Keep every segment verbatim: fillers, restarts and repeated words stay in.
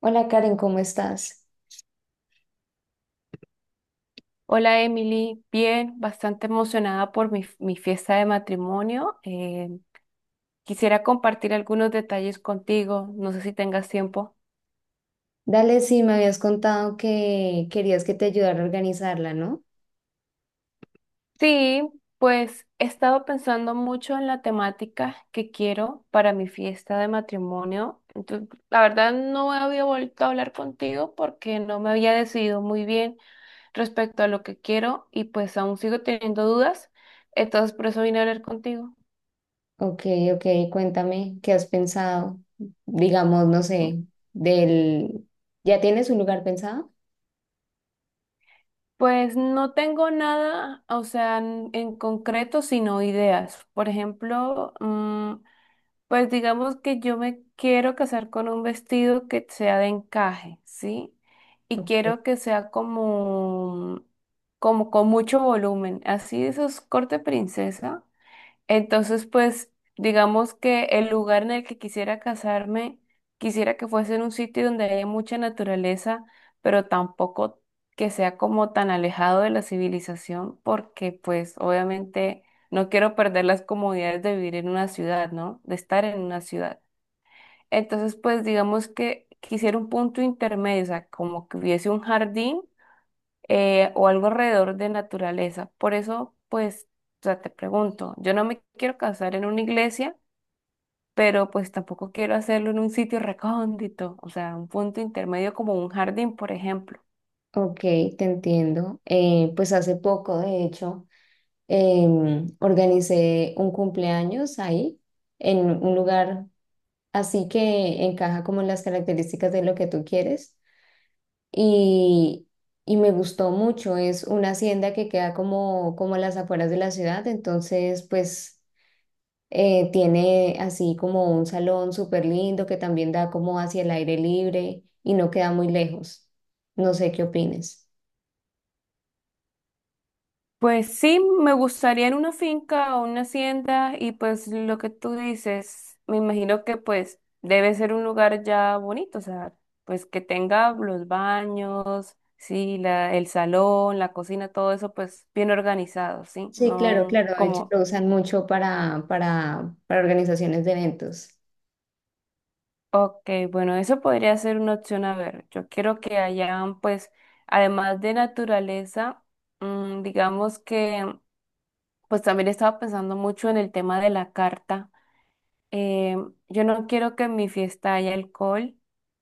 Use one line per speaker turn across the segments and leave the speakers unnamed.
Hola Karen, ¿cómo estás?
Hola Emily, bien, bastante emocionada por mi, mi fiesta de matrimonio. Eh, quisiera compartir algunos detalles contigo, no sé si tengas tiempo.
Dale, sí, me habías contado que querías que te ayudara a organizarla, ¿no?
Sí, pues he estado pensando mucho en la temática que quiero para mi fiesta de matrimonio. Entonces, la verdad no había vuelto a hablar contigo porque no me había decidido muy bien respecto a lo que quiero y pues aún sigo teniendo dudas. Entonces por eso vine a hablar contigo.
Ok, ok, Cuéntame, ¿qué has pensado? Digamos, no sé, del... ¿Ya tienes un lugar pensado?
Pues no tengo nada, o sea, en, en concreto, sino ideas. Por ejemplo, mm, pues digamos que yo me quiero casar con un vestido que sea de encaje, ¿sí? Y
Ok,
quiero que sea como, como con mucho volumen, así de esos corte princesa. Entonces, pues, digamos que el lugar en el que quisiera casarme, quisiera que fuese en un sitio donde haya mucha naturaleza, pero tampoco que sea como tan alejado de la civilización, porque pues obviamente no quiero perder las comodidades de vivir en una ciudad, ¿no? De estar en una ciudad. Entonces, pues, digamos que quisiera un punto intermedio, o sea, como que hubiese un jardín eh, o algo alrededor de naturaleza. Por eso, pues, o sea, te pregunto, yo no me quiero casar en una iglesia, pero pues tampoco quiero hacerlo en un sitio recóndito, o sea, un punto intermedio como un jardín, por ejemplo.
Ok, te entiendo. Eh, pues hace poco, de hecho, em, organicé un cumpleaños ahí, en un lugar así que encaja como en las características de lo que tú quieres. y, y me gustó mucho. Es una hacienda que queda como, como a las afueras de la ciudad, entonces pues eh, tiene así como un salón súper lindo que también da como hacia el aire libre y no queda muy lejos. No sé qué opines.
Pues sí, me gustaría en una finca o una hacienda y pues lo que tú dices, me imagino que pues debe ser un lugar ya bonito, o sea, pues que tenga los baños, sí, la, el salón, la cocina, todo eso pues bien organizado, ¿sí?
Sí, claro,
No
claro. De hecho,
como,
lo usan mucho para, para, para organizaciones de eventos.
ok, bueno, eso podría ser una opción, a ver, yo quiero que hayan pues, además de naturaleza, mm, digamos que pues también estaba pensando mucho en el tema de la carta. eh, yo no quiero que en mi fiesta haya alcohol.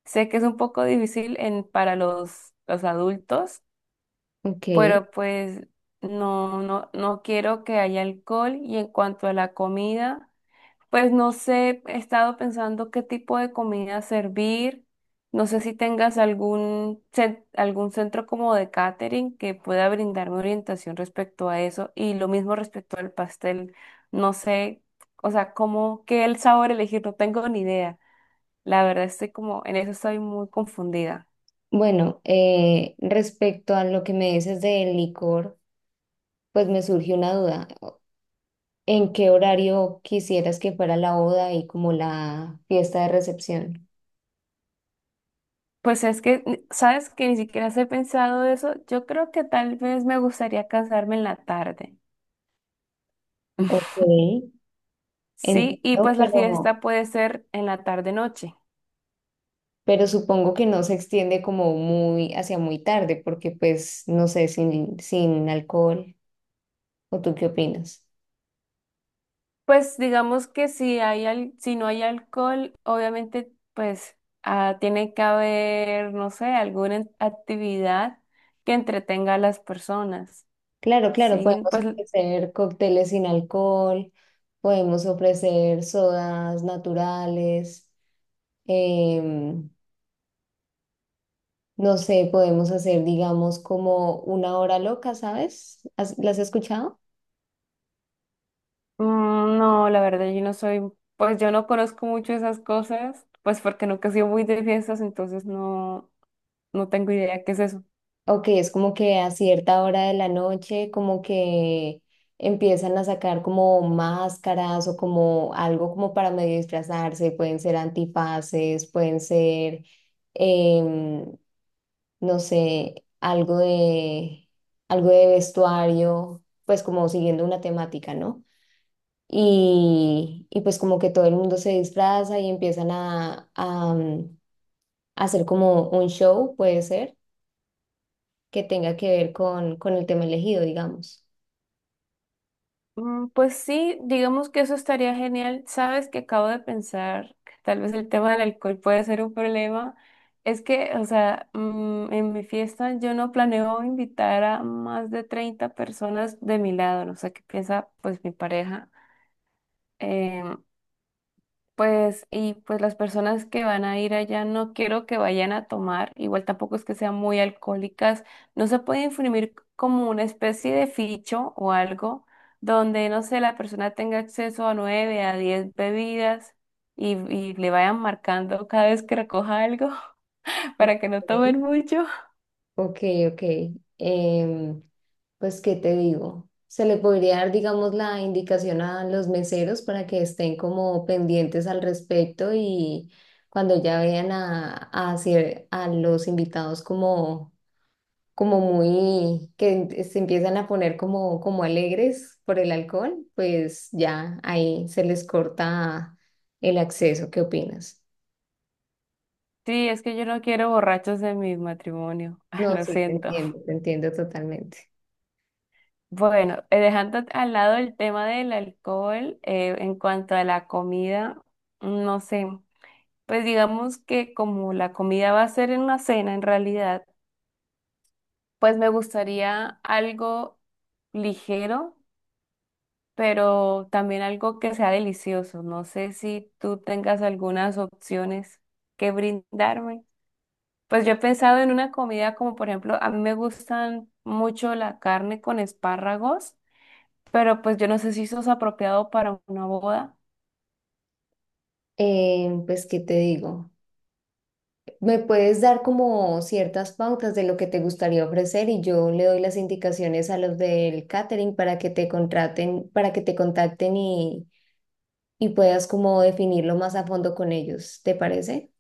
Sé que es un poco difícil en, para los, los adultos,
Ok,
pero pues no, no, no quiero que haya alcohol. Y en cuanto a la comida, pues no sé, he estado pensando qué tipo de comida servir. No sé si tengas algún, cen- algún centro como de catering que pueda brindarme orientación respecto a eso. Y lo mismo respecto al pastel. No sé, o sea, cómo, qué el sabor elegir, no tengo ni idea. La verdad estoy como, en eso estoy muy confundida.
bueno, eh, respecto a lo que me dices del licor, pues me surgió una duda. ¿En qué horario quisieras que fuera la boda y como la fiesta de recepción?
Pues es que, ni- sabes que ni siquiera he pensado eso. Yo creo que tal vez me gustaría cansarme en la tarde.
Ok,
Sí, y
entiendo,
pues la fiesta
pero,
puede ser en la tarde-noche.
pero supongo que no se extiende como muy hacia muy tarde, porque pues no sé, sin, sin alcohol, ¿o tú qué opinas?
Pues digamos que si hay al- si no hay alcohol, obviamente pues ah, tiene que haber, no sé, alguna en- actividad que entretenga a las personas.
Claro, claro,
Sí,
podemos
pues
ofrecer cócteles sin alcohol, podemos ofrecer sodas naturales, em, no sé, podemos hacer, digamos, como una hora loca, ¿sabes? ¿Has- ¿Las has escuchado?
mm, no, la verdad yo no soy, pues yo no conozco mucho esas cosas, pues porque nunca he sido muy de fiestas, entonces no, no tengo idea qué es eso.
Ok, es como que a cierta hora de la noche como que empiezan a sacar como máscaras o como algo como para medio disfrazarse, pueden ser antifaces, pueden ser, em, no sé, algo de, algo de vestuario, pues como siguiendo una temática, ¿no? Y, y pues como que todo el mundo se disfraza y empiezan a, a mm, hacer como un show, puede ser que tenga que ver con, con el tema elegido, digamos.
Mm, pues sí, digamos que eso estaría genial. Sabes que acabo de pensar que tal vez el tema del alcohol puede ser un problema. Es que, o sea, mm, en mi fiesta yo no planeo invitar a más de treinta personas de mi lado, no sé qué piensa pues mi pareja. Em, pues, y pues las personas que van a ir allá no quiero que vayan a tomar, igual tampoco es que sean muy alcohólicas, no se puede imprimir como una especie de ficho o algo donde, no sé, la persona tenga acceso a nueve, a diez bebidas y, y le vayan marcando cada vez que recoja algo para que no
Ok.
tomen mucho.
Ok, ok. Em, pues, ¿qué te digo? Se le podría dar, digamos, la indicación a los meseros para que estén como pendientes al respecto y cuando ya vean a, a, cier- a los invitados como, como muy, que se empiezan a poner como, como alegres por el alcohol, pues ya ahí se les corta el acceso. ¿Qué opinas?
Sí, es que yo no quiero borrachos en mi matrimonio,
No,
lo
sí, te
siento.
entiendo, te entiendo totalmente.
Bueno, eh, dejando al lado el tema del alcohol, eh, en cuanto a la comida, no sé, pues digamos que como la comida va a ser en una cena en realidad, pues me gustaría algo ligero, pero también algo que sea delicioso. No sé si tú tengas algunas opciones que brindarme. Pues yo he pensado en una comida como por ejemplo, a mí me gustan mucho la carne con espárragos. Pero pues yo no sé si eso es apropiado para una boda.
Eh, pues, ¿qué te digo? Me puedes dar como ciertas pautas de lo que te gustaría ofrecer y yo le doy las indicaciones a los del catering para que te contraten, para que te contacten y, y puedas como definirlo más a fondo con ellos. ¿Te parece?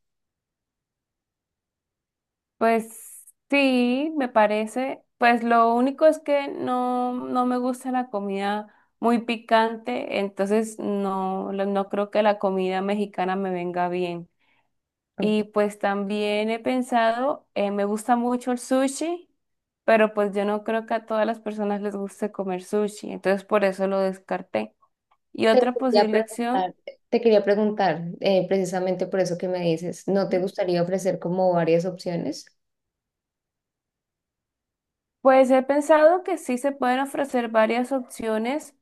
Pues sí, me parece. Pues lo único es que no, no me gusta la comida muy picante, entonces no, la- no creo que la comida mexicana me venga bien.
Ok.
Y pues también he pensado, eh, me gusta mucho el sushi, pero pues yo no creo que a todas las personas les guste comer sushi, entonces por eso lo descarté. Y
Te
otra
quería
posible opción.
preguntar, Te quería preguntar, eh, precisamente por eso que me dices, ¿no te gustaría ofrecer como varias opciones?
Pues he pensado que sí se pueden ofrecer varias opciones,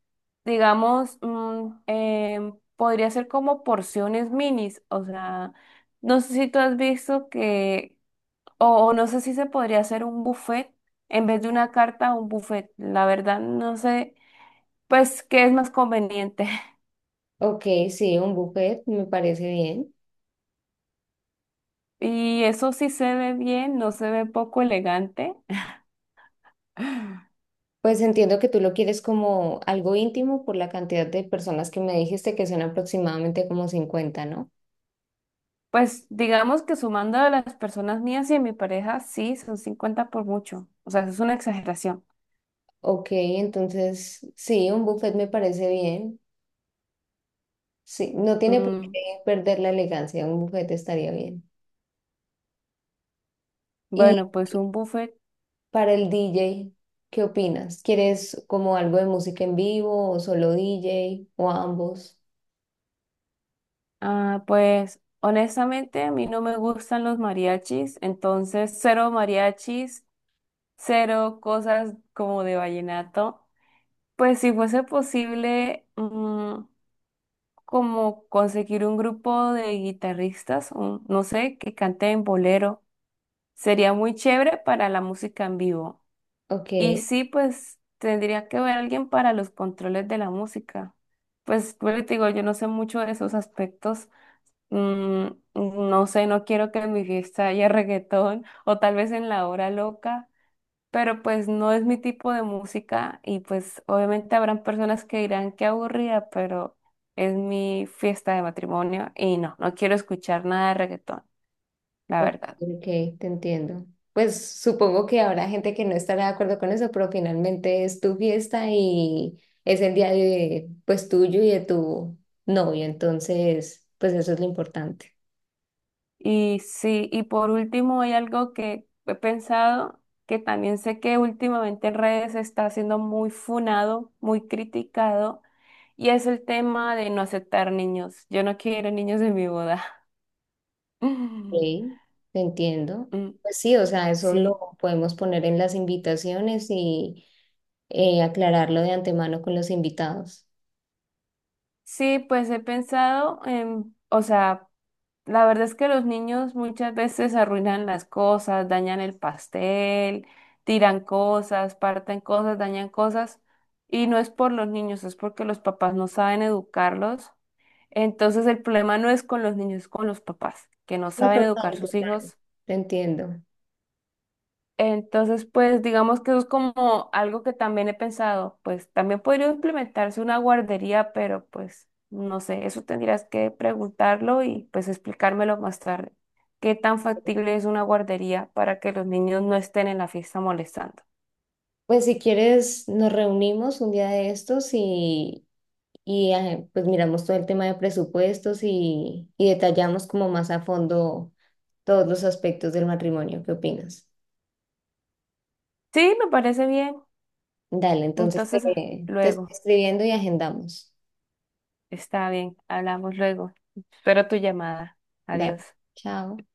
digamos, mm, em, podría ser como porciones minis, o sea, no sé si tú has visto que, o, o no sé si se podría hacer un buffet en vez de una carta, un buffet, la verdad no sé, pues qué es más conveniente.
Ok, sí, un buffet me parece bien.
Y eso sí se ve bien, no se ve poco elegante.
Pues entiendo que tú lo quieres como algo íntimo por la cantidad de personas que me dijiste que son aproximadamente como cincuenta, ¿no?
Pues digamos que sumando a las personas mías y a mi pareja, sí, son cincuenta por mucho. O sea, eso es una exageración.
Ok, entonces sí, un buffet me parece bien. Sí, no tiene por
Mm,
qué perder la elegancia, un buffet estaría bien. Y
bueno, pues un buffet.
para el D J, ¿qué opinas? ¿Quieres como algo de música en vivo o solo D J o ambos?
Ah, pues honestamente a mí no me gustan los mariachis, entonces cero mariachis, cero cosas como de vallenato. Pues si fuese posible, mm, como conseguir un grupo de guitarristas, un- no sé, que canten bolero, sería muy chévere para la música en vivo. Y
Ok.
sí, pues tendría que ver a alguien para los controles de la música. Pues, pues te digo, yo no sé mucho de esos aspectos. Mm, no sé, no quiero que en mi fiesta haya reggaetón o tal vez en la hora loca, pero pues no es mi tipo de música y pues obviamente habrán personas que dirán que aburrida, pero es mi fiesta de matrimonio y no, no quiero escuchar nada de reggaetón, la
Ok,
verdad.
ok, te entiendo. Pues supongo que habrá gente que no estará de acuerdo con eso, pero finalmente es tu fiesta y es el día de, pues tuyo y de tu novio, entonces, pues eso es lo importante.
Y sí, y por último hay algo que he pensado, que también sé que últimamente en redes está siendo muy funado, muy criticado, y es el tema de no aceptar niños. Yo no quiero niños en mi boda.
Ok, te entiendo.
Mm,
Pues sí, o sea, eso lo
sí,
podemos poner en las invitaciones y eh, aclararlo de antemano con los invitados.
sí, pues he pensado en, o sea, la verdad es que los niños muchas veces arruinan las cosas, dañan el pastel, tiran cosas, parten cosas, dañan cosas. Y no es por los niños, es porque los papás no saben educarlos. Entonces el problema no es con los niños, es con los papás, que no
No,
saben educar
total,
sus
total.
hijos.
Te entiendo.
Entonces, pues digamos que eso es como algo que también he pensado, pues también podría implementarse una guardería, pero pues no sé, eso tendrías que preguntarlo y pues explicármelo más tarde. ¿Qué tan factible es una guardería para que los niños no estén en la fiesta molestando?
Pues si quieres, nos reunimos un día de estos y y eh, pues miramos todo el tema de presupuestos y, y detallamos como más a fondo todos los aspectos del matrimonio. ¿Qué opinas?
Sí, me parece bien.
Dale, entonces te,
Entonces, ah,
te estoy
luego,
escribiendo y agendamos.
está bien, hablamos luego. Espero tu llamada.
Dale,
Adiós.
chao.